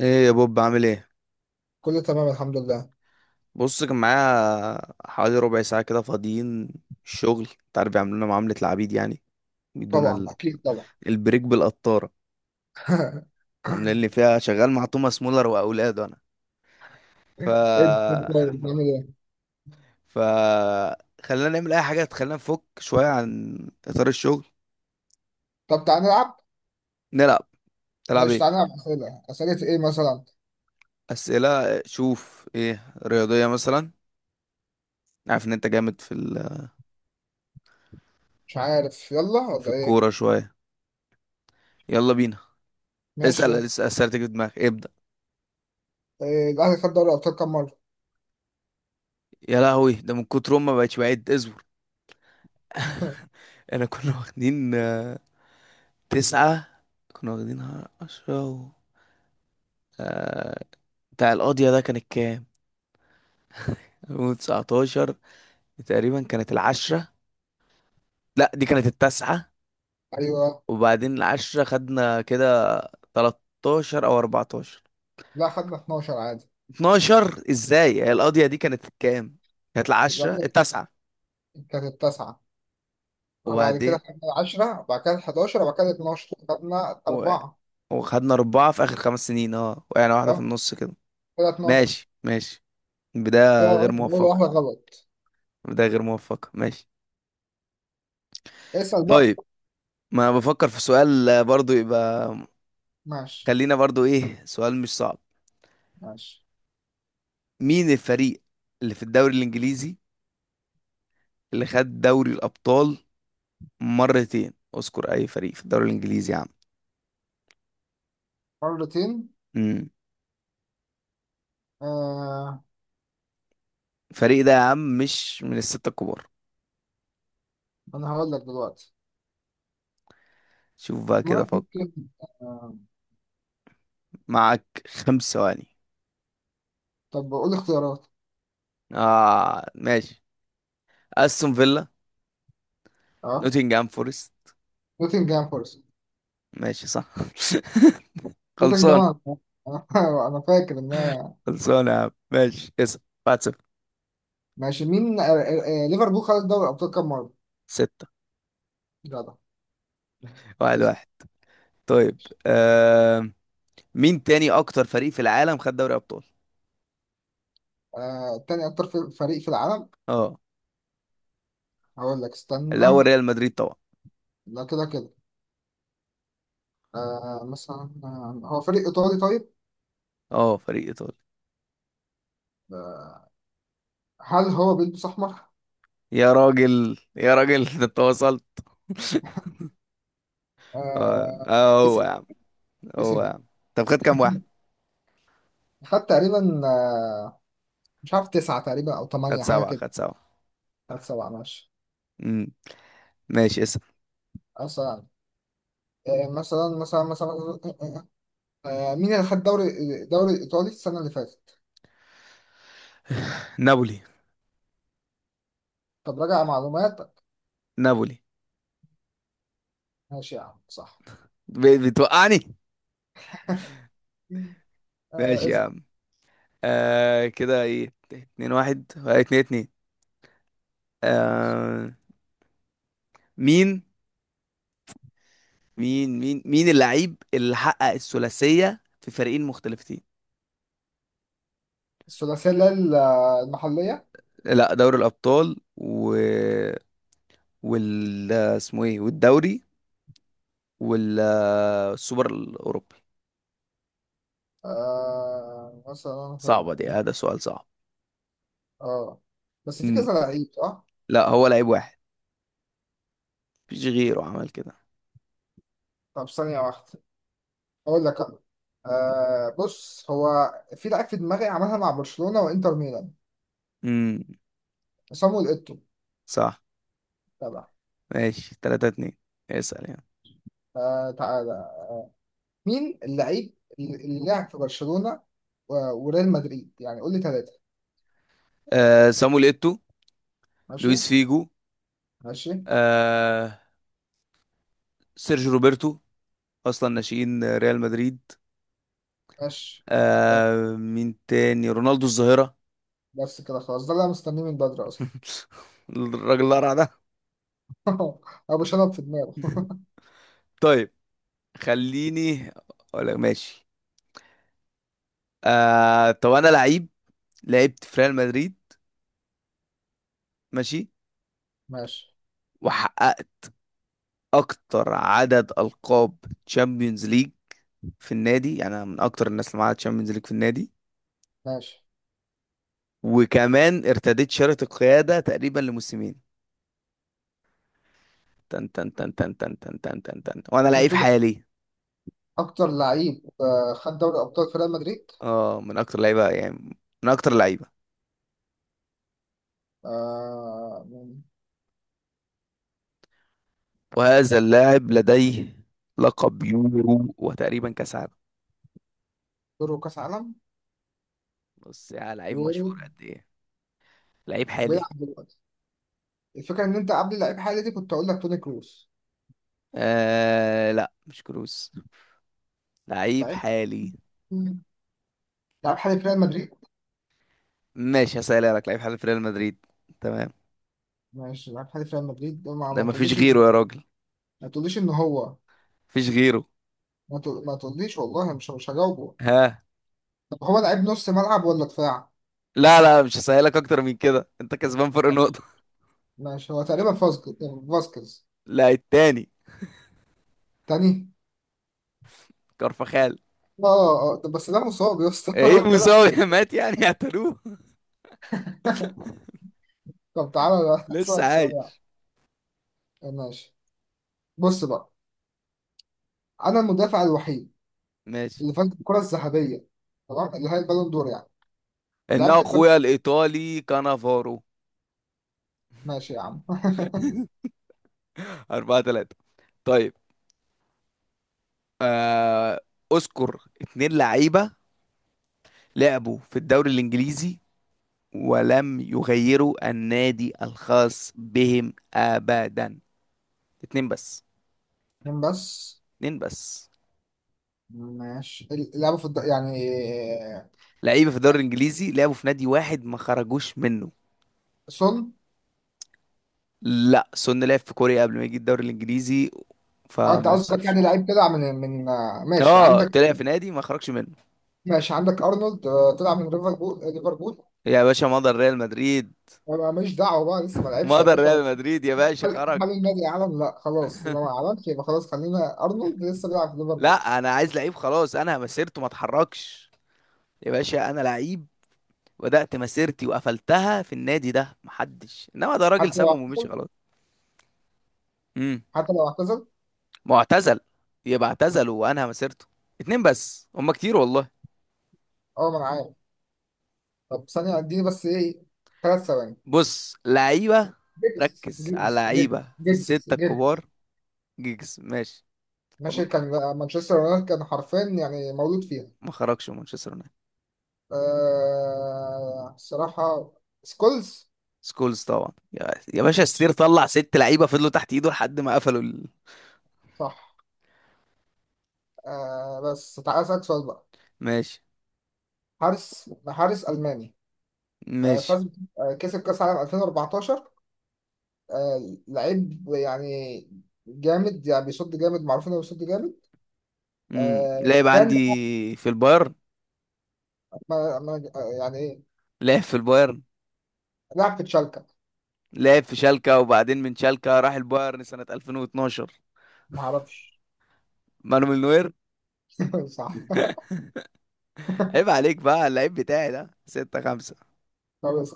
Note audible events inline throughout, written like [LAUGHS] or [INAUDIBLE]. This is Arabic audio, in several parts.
ايه يا بوب، عامل ايه؟ كله تمام، الحمد لله. بص، كان معايا حوالي ربع ساعة كده فاضيين. الشغل انت عارف بيعملوا لنا معاملة العبيد يعني. بيدونا طبعا، اكيد طبعا. البريك بالقطارة. عاملين [LAUGHS] لي فيها شغال مع توماس مولر واولاده انا. ف ايه ده؟ طيب نعمل [LAUGHS] ايه؟ ف خلينا نعمل اي حاجة تخلينا نفك شوية عن اطار الشغل. طب تعالى نلعب. نلعب. تلعب ماشي ايه؟ تعالى نلعب اسئله، اسئله ايه مثلا؟ اسئلة. شوف، ايه، رياضية مثلا؟ عارف ان انت جامد في مش عارف، يلا في ولا ايه؟ الكورة شوية. يلا بينا. ماشي اسأل يلا. اسأل اسئلتك في دماغك، ابدأ. إيه، الاهلي خد دوري الابطال كام مره؟ يا لهوي، ده من كتر ما بقتش بعد ازور. [LAUGHS] انا كنا [LAUGHS] واخدين، تسعة. كنا واخدينها عشرة آه، بتاع القاضية ده كانت كام؟ 2019 تقريبا. كانت العشرة. لا، دي كانت التاسعة. ايوه. وبعدين العشرة خدنا كده 13 أو 14. لا، خدنا 12 عادي. 12 ازاي؟ هي اه القاضية دي كانت كام؟ كانت العشرة الاهلي التاسعة. كانت التاسعه، وبعد كده وبعدين خدنا 10، وبعد كده 11، وبعد كده 12 خدنا و... اربعه. وخدنا أربعة في آخر خمس سنين، اه يعني واحدة في اه النص كده. كده 12. ماشي ماشي. كده بداية غير غلط ولا موفقة. واحده غلط؟ بداية غير موفقة ماشي. اسال بقى. طيب، ما بفكر في سؤال، برضو يبقى. ماشي خلينا برضو ايه، سؤال مش صعب. ماشي. مين الفريق اللي في الدوري الانجليزي اللي خد دوري الابطال مرتين؟ اذكر اي فريق في الدوري الانجليزي يا عم. مرتين. امم آه الفريق ده يا عم مش من الستة الكبار. انا هقول لك دلوقتي. شوف بقى كده، مارك فكر، ممكن. آه، معك خمس ثواني. طب قول اختيارات. اه ماشي. استون فيلا، اه، نوتنجهام فورست. نوتنجهام فورست. ماشي صح. [LAUGHS] خلصان. نوتنجهام. انا. [LAUGHS] أنا- أنا فاكر ان هي. خلصان يا عم، ماشي اسأل. 1 0. ماشي. مين ليفربول خد دوري الابطال كام مره؟ 6. لا ده. 1 اسم. 1. طيب، آه، مين تاني اكتر فريق في العالم خد دوري ابطال؟ تاني اكتر فريق في العالم. اه، هقول لك الاول استنى. ريال مدريد طبعا. لا كده كده. آه مثلا، هو فريق ايطالي طيب. اه، فريق ايطالي. آه، هل هو بيلبس احمر؟ يا راجل يا راجل، [LAUGHS] ده انت وصلت. [LAUGHS] اه، آه. هو يا اسم. عم. هو يا اسم. عم. طب خد كام واحد؟ خد تقريبا، مش عارف، تسعة تقريبا او خد ثمانية، حاجه سبعة كده. خد سبعة. خد سبعة ماشي. امم ماشي، اسم. أصلا آه، مثلا مثلا مثلا آه، مين اللي خد دوري الدوري الإيطالي السنة اللي فاتت؟ نابولي. طب راجع معلوماتك. نابولي. ماشي يا عم صح. بتوقعني. ماشي يا آه، عم. آه كده، ايه، اتنين واحد، اتنين اتنين. اسأل. آه. مين مين اللعيب اللي حقق الثلاثية في فريقين مختلفتين؟ الثلاثية اللي هي المحلية. لا، دوري الابطال وال اسمه ايه والدوري والسوبر الاوروبي. آه، مثلا صعبه دي، هذا سؤال صعب. اه بس في امم كذا لعيب صح؟ لا هو لعيب واحد، مفيش غيره عمل كده. طب ثانية واحدة أقول لك أنا. بص هو، في لعيب في دماغي عملها مع برشلونة وإنتر ميلان. امم صامويل إيتو. صح. تبع. ماشي 3 2. اسال يعني. تعالى. مين اللعيب اللي لعب في برشلونة وريال مدريد، يعني قول لي ثلاثة. آه سامويل ايتو. ماشي. لويس فيجو. ماشي. آه سيرجيو روبرتو، اصلا ناشئين ريال مدريد. ماشي. ده- آه مين تاني، رونالدو الظاهره. بس كده خلاص، ده اللي انا مستنيه من بدري اصلا. [LAUGHS] الراجل القرع ده. [LAUGHS] ابو شنب في دماغه. طيب، خليني اقول لك ماشي. طب انا لعيب، لعبت في ريال مدريد. ماشي. ماشي. وحققت اكتر عدد القاب تشامبيونز ليج في النادي. يعني انا من اكتر الناس اللي معاها تشامبيونز ليج في النادي. ماشي. وكمان ارتديت شارة القيادة تقريبا لموسمين. تن تن تن تن تن تن تن تن تن. وانا انت لعيب بتقول حالي. اكتر لعيب خد دوري ابطال في ريال مدريد. اه، من اكتر لعيبة، يعني من اكتر لعيبة. آه، من- وهذا آه، اللاعب لديه لقب يورو وتقريبا كاس عالم. يورو كاس عالم. بص يا لعيب يورو. مشهور قد ايه. لعيب حالي. بيلعب دلوقتي. الفكره ان انت قبل لعيب حالي دي كنت اقول لك توني كروس. آه لا، مش كروس. لعيب لعيب. حالي. مم. لعيب حالي في ريال مدريد. ماشي، هسألها لك، لعيب حالي في ريال مدريد، تمام. ماشي. لعيب حالي في ريال مدريد، ما, ده ما مفيش تقوليش. غيره يا راجل. ما تقوليش ان هو... مفيش غيره. ما تقوليش والله، مش هجاوبه. ها. طب هو لعيب نص ملعب ولا دفاع؟ لا لا، مش هسألك اكتر من كده، انت كسبان فرق ماشي. نقطة. ماشي، هو تقريبا فاسكيز. فاسكيز. [LAUGHS] لا، التاني. تاني. كارفخال. اه اه، طب بس ده مصاب يا اسطى. [LAUGHS] ايه انا بتكلم. مساوي، [LAUGHS] مات يعني، اعتلوه. [LAUGHS] طب تعالى بقى، لسه اسالك سؤال. عايش. يعني ماشي. بص بقى، انا المدافع الوحيد ماشي، اللي فاز بالكرة الذهبية، تمام، اللي هي البالون دور يعني، انه ولعبت الفريق. اخويا الايطالي كانافارو. ماشي يا عم. [LAUGHS] أربعة تلاتة. طيب، آه، اذكر اتنين لعيبة لعبوا في الدوري الانجليزي ولم يغيروا النادي الخاص بهم أبدا. اتنين بس. [LAUGHS] اتنين بس. اتنين بس. ماشي. اللعبة في يعني. لعيبة في الدوري الإنجليزي لعبوا في نادي واحد، ما خرجوش منه. سون. لا، سون لعب في كوريا قبل ما يجي الدوري الإنجليزي، اه، انت فما قصدك يحسبش. يعني لعيب كده من. ماشي اه، عندك. طلع في نادي ما خرجش منه. ماشي عندك ارنولد، طلع من ليفربول، ليفربول. يا باشا مضى ريال مدريد. انا ماليش دعوه بقى، لسه ما لعبش يا مضى باشا. ريال مدريد يا باشا، هل خرج. هل النادي اعلن؟ لا خلاص، يبقى ما اعلنش، يبقى خلاص، خلينا ارنولد لسه بيلعب في ليفربول. لا، انا عايز لعيب خلاص، انا مسيرته ما اتحركش. يا باشا، انا لعيب بدأت مسيرتي وقفلتها في النادي ده، محدش انما، ده راجل حتى لو سابهم ومشي اعتزل. خلاص. مم. حتى لو اعتزل. ما هو اعتزل، يبقى اعتزل وانهى مسيرته. اتنين بس هما كتير والله. اه ما انا عارف. طب ثانيه اديني بس ايه، ثلاث ثواني. بص لعيبة، جيجز ركز على جيجز جيجز لعيبة في جيجز الستة جيجز الكبار. جيجز ماشي. ماشي، واضح. كان مانشستر يونايتد، كان حرفيا يعني مولود فيها. ما خرجش من مانشستر يونايتد. آه، الصراحه، سكولز. سكولز طبعا يا يا باشا، السير طلع ست لعيبة فضلوا تحت ايده لحد ما قفلوا صح. آه بس تعالى اسالك سؤال بقى. ماشي حارس. حارس الماني، ماشي. فاز، كسب كأس عالم 2014. لعيب يعني جامد يعني، بيصد جامد، معروف انه بيصد جامد. لعب كان عندي في البايرن. ما ما آه، يعني لعب في البايرن. لعب في تشالكا. لعب في شالكة، وبعدين من شالكة راح البايرن سنة 2012. ما اعرفش. مانويل نوير. [LAUGHS] صح. عيب عليك بقى، اللعيب بتاعي ده. ستة خمسة. خلاص.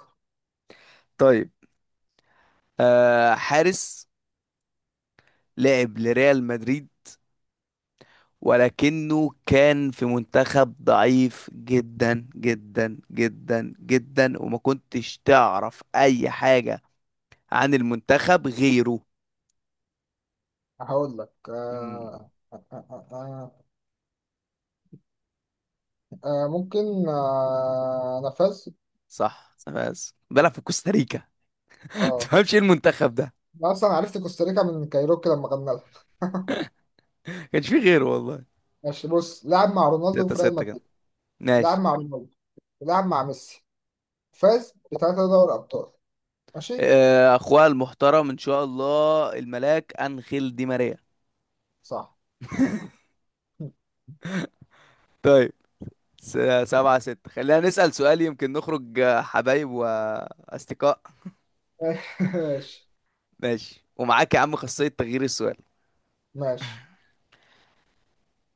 طيب، حارس لعب لريال مدريد، ولكنه كان في منتخب ضعيف جدا جدا جدا جدا، وما كنتش تعرف اي حاجة عن المنتخب غيره. هقول لك مم، ممكن، انا فاز. صح، بس بلعب في كوستاريكا. [LAUGHS] اه. تفهمش ايه المنتخب ده. انا اصلا عرفت كوستاريكا من كايروكي لما غنى لها. كانش فيه غيره والله. ماشي بص، لعب مع رونالدو ستة في ريال ستة كده مدريد. لعب ماشي. مع رونالدو. لعب مع ميسي. فاز بثلاثة دوري ابطال. ماشي. اخوها المحترم ان شاء الله، الملاك انخيل دي ماريا. صح. طيب، س- سبعة ستة. خلينا نسأل سؤال يمكن نخرج، حبايب وأصدقاء. ماشي. ماشي، ومعاك يا عم خاصية تغيير السؤال. ماشي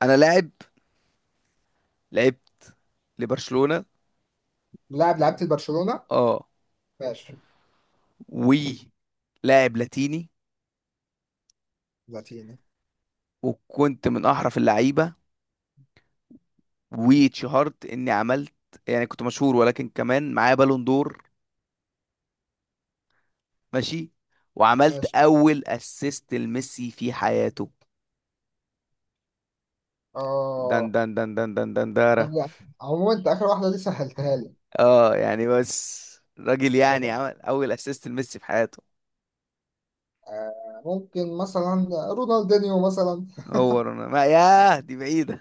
أنا لاعب، لعبت لبرشلونة. لاعب لعبت برشلونة. اه. ماشي. ولاعب لاتيني. لاتيني. وكنت من أحرف اللعيبة، واتشهرت إني عملت، يعني كنت مشهور، ولكن كمان معايا بالون دور. ماشي. وعملت ماشي. أول أسيست لميسي في حياته. دن اه. دن دن دن دن دن دارا. طب عموما، انت اخر واحدة دي سهلتها لي. اه يعني بس، راجل يعني عمل أول أسيست لميسي في حياته. ممكن مثلا رونالدينيو مثلا. هو انا ما ياه، دي بعيدة.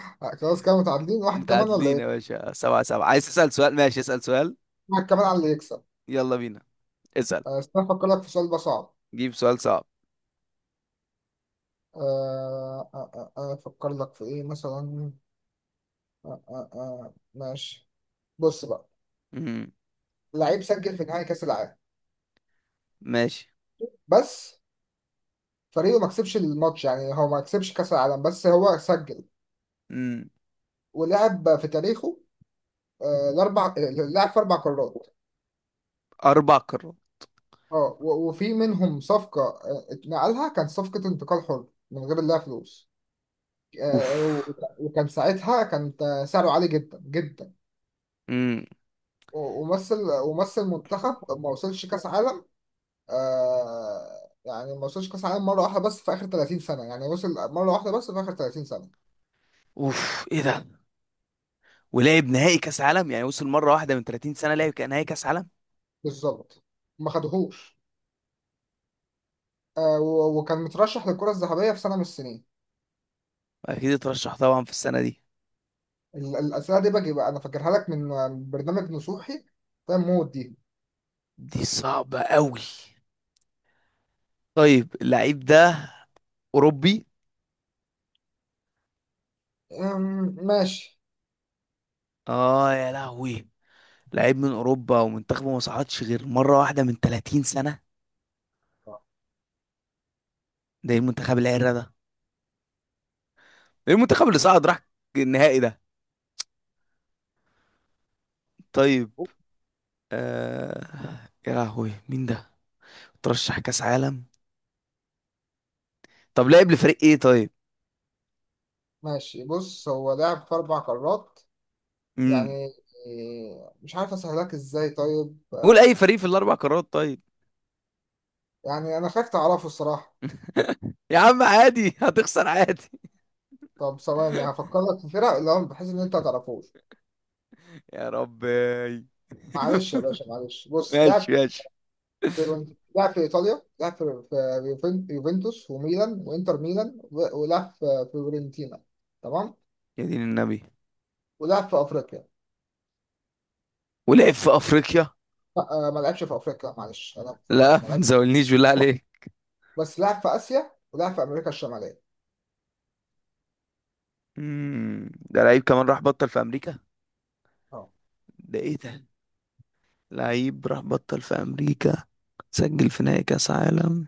[LAUGHS] خلاص كده متعادلين، [LAUGHS] واحد كمان ولا متعادلين يا ايه؟ باشا، سبعة سبعة. عايز تسأل سؤال، ماشي اسأل سؤال. واحد كمان على اللي يكسب. يلا بينا. اسأل. استنى افكر لك في سؤال بقى صعب. جيب سؤال صعب. افكر لك في ايه مثلا؟ ماشي بص بقى، امم لعيب سجل في نهائي كاس العالم، ماشي. بس فريقه ما كسبش الماتش، يعني هو ما كسبش كاس العالم بس هو سجل. امم ولعب في تاريخه آه، الاربع آه، لعب في اربع قارات. أربع قارات. اه وفي منهم صفقه، اتنقلها، كان صفقه انتقال حر من غير لا فلوس. اوف. آه، و- وكان ساعتها كان سعره عالي جدا جدا، امم و- ومثل ومثل منتخب ما وصلش كاس عالم. يعني ما وصلش كاس عالم، مره واحده بس في اخر 30 سنه، يعني وصل مره واحده بس في اخر 30 سنه. اوف ايه ده. ولعب نهائي كأس عالم، يعني وصل مرة واحدة من 30 سنة لعب كان نهائي كأس عالم. بالظبط. ما خدهوش. وكان مترشح للكرة الذهبية في سنة من السنين. أكيد اترشح طبعا في السنة دي. الأسئلة دي باجي بقى، أنا فاكرها لك من برنامج نصوحي. فاهم موت دي. دي صعبة قوي. طيب، اللعيب ده أوروبي. ماشي. اه يا لهوي، لعيب من أوروبا ومنتخبه ما صعدش غير مرة واحدة من 30 سنة؟ ده ايه المنتخب العرة ده؟ ايه المنتخب اللي صعد راح النهائي ده؟ طيب، آه... يا لهوي مين ده، ترشح كاس عالم؟ طب لعب لفريق ايه طيب؟ ماشي بص، هو لعب في أربع قارات امم يعني. إيه، مش عارف أسهلك إزاي طيب. قول اي فريق في الاربع قارات طيب. يعني أنا خايف تعرفه الصراحة. يا عم عادي، هتخسر عادي. طب ثواني [LAUGHS] هفكر لك في فرق، اللي هو بحيث إن أنت ما تعرفوش. يا ربي. [LAUGHS] معلش يا باشا معلش، بص ماشي لعب ماشي. لعب في إيطاليا، لعب في يوفنتوس وميلان وإنتر ميلان ولعب في فيورنتينا. تمام. يا دين النبي. ولعب في أفريقيا. ولعب في افريقيا. لا ما لعبش في أفريقيا معلش، أنا لا، افتكرت ما ما لعبش. تزولنيش بالله عليك. بس لعب في آسيا ولعب في أمريكا الشمالية. ده لعيب كمان راح بطل في امريكا؟ اه. ده ايه ده؟ لعيب راح بطل في امريكا، سجل في نهائي كاس عالم،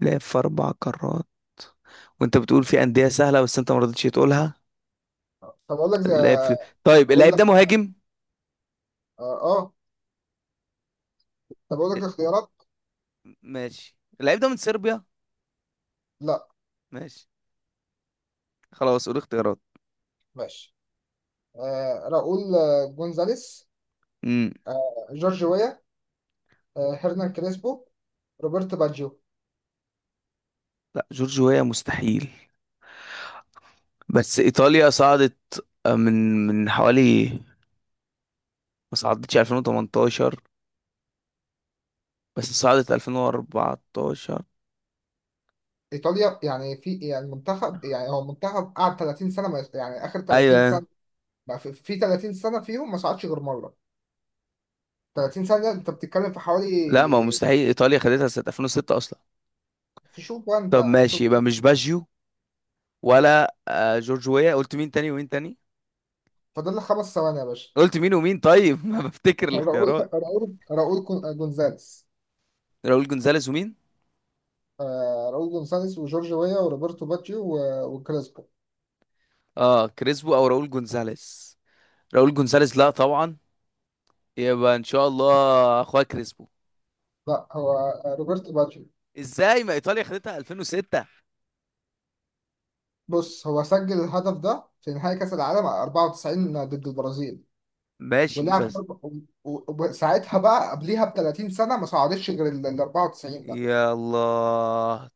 لعب في اربع قارات، وانت بتقول في انديه سهله بس انت ما رضيتش تقولها. آه. طب أقول لك زي، لعب في، طيب، أقول اللعيب لك، ده مهاجم. آه, آه طب أقول لك اختيارات. ماشي، اللعيب ده من صربيا. لا. ماشي خلاص، قول اختيارات. ماشي. آه راؤول، جونزاليس، امم آه جورج ويا، آه هيرنان كريسبو، روبرت باجيو. لا، جورجيا مستحيل. بس ايطاليا صعدت، من حوالي، ما صعدتش 2018، بس صعدت 2014. ايطاليا يعني، في يعني منتخب، يعني هو منتخب قعد 30 سنه يعني اخر 30 ايوه. سنه، بقى في 30 سنة فيهم ما صعدش غير مرة. 30 سنة انت بتتكلم في لا ما هو حوالي. مستحيل، ايطاليا خدتها سنه 2006 اصلا. في شوف بقى انت طب يعني ماشي، شوف. يبقى مش باجيو ولا، جورج ويا. قلت مين تاني ومين تاني؟ فاضل لك خمس ثواني يا باشا. قلت مين ومين طيب؟ [LAUGHS] ما بفتكر [LAUGHS] راؤول الاختيارات. راؤول راؤول جونزاليس. راؤول جونزاليز ومين؟ راؤول جونزاليس وجورج ويا وروبرتو باجيو وكريسبو. اه، كريسبو او راؤول جونزاليز. راؤول جونزاليز لا طبعا. يبقى ان شاء الله اخويا كريسبو. لا هو روبرتو باجيو. ازاي، ما ايطاليا خدتها 2006. بص هو سجل الهدف ده في نهائي كأس العالم 94 ضد البرازيل. ماشي ولعب بس. وساعتها بقى قبليها ب 30 سنة ما صعدش غير ال 94. يا الله.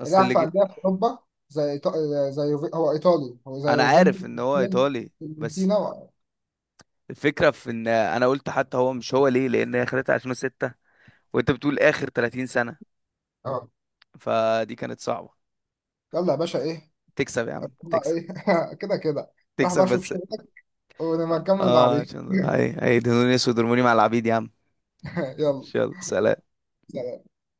اصل لعب اللي في جي... أندية في أوروبا، زي إيطا- هو إيطالي، هو زي انا يوفنتوس، عارف ان هو ايطالي بس. فيورنتينا الفكره في ان انا قلت حتى هو مش هو، ليه؟ لان هي خدتها 2006 وانت بتقول اخر 30 سنه. اه. فدي كانت صعبه. يلا يا باشا إيه. تكسب يا عم، أتوقع تكسب. إيه. [LAUGHS] كده كده. راح تكسب بقى أشوف بس. شغلك ونبقى نكمل اه، بعدين. عشان دول هي هيدهنوني اسود، ارموني مع العبيد يا عم. [LAUGHS] يلا يلا، سلام. سلام.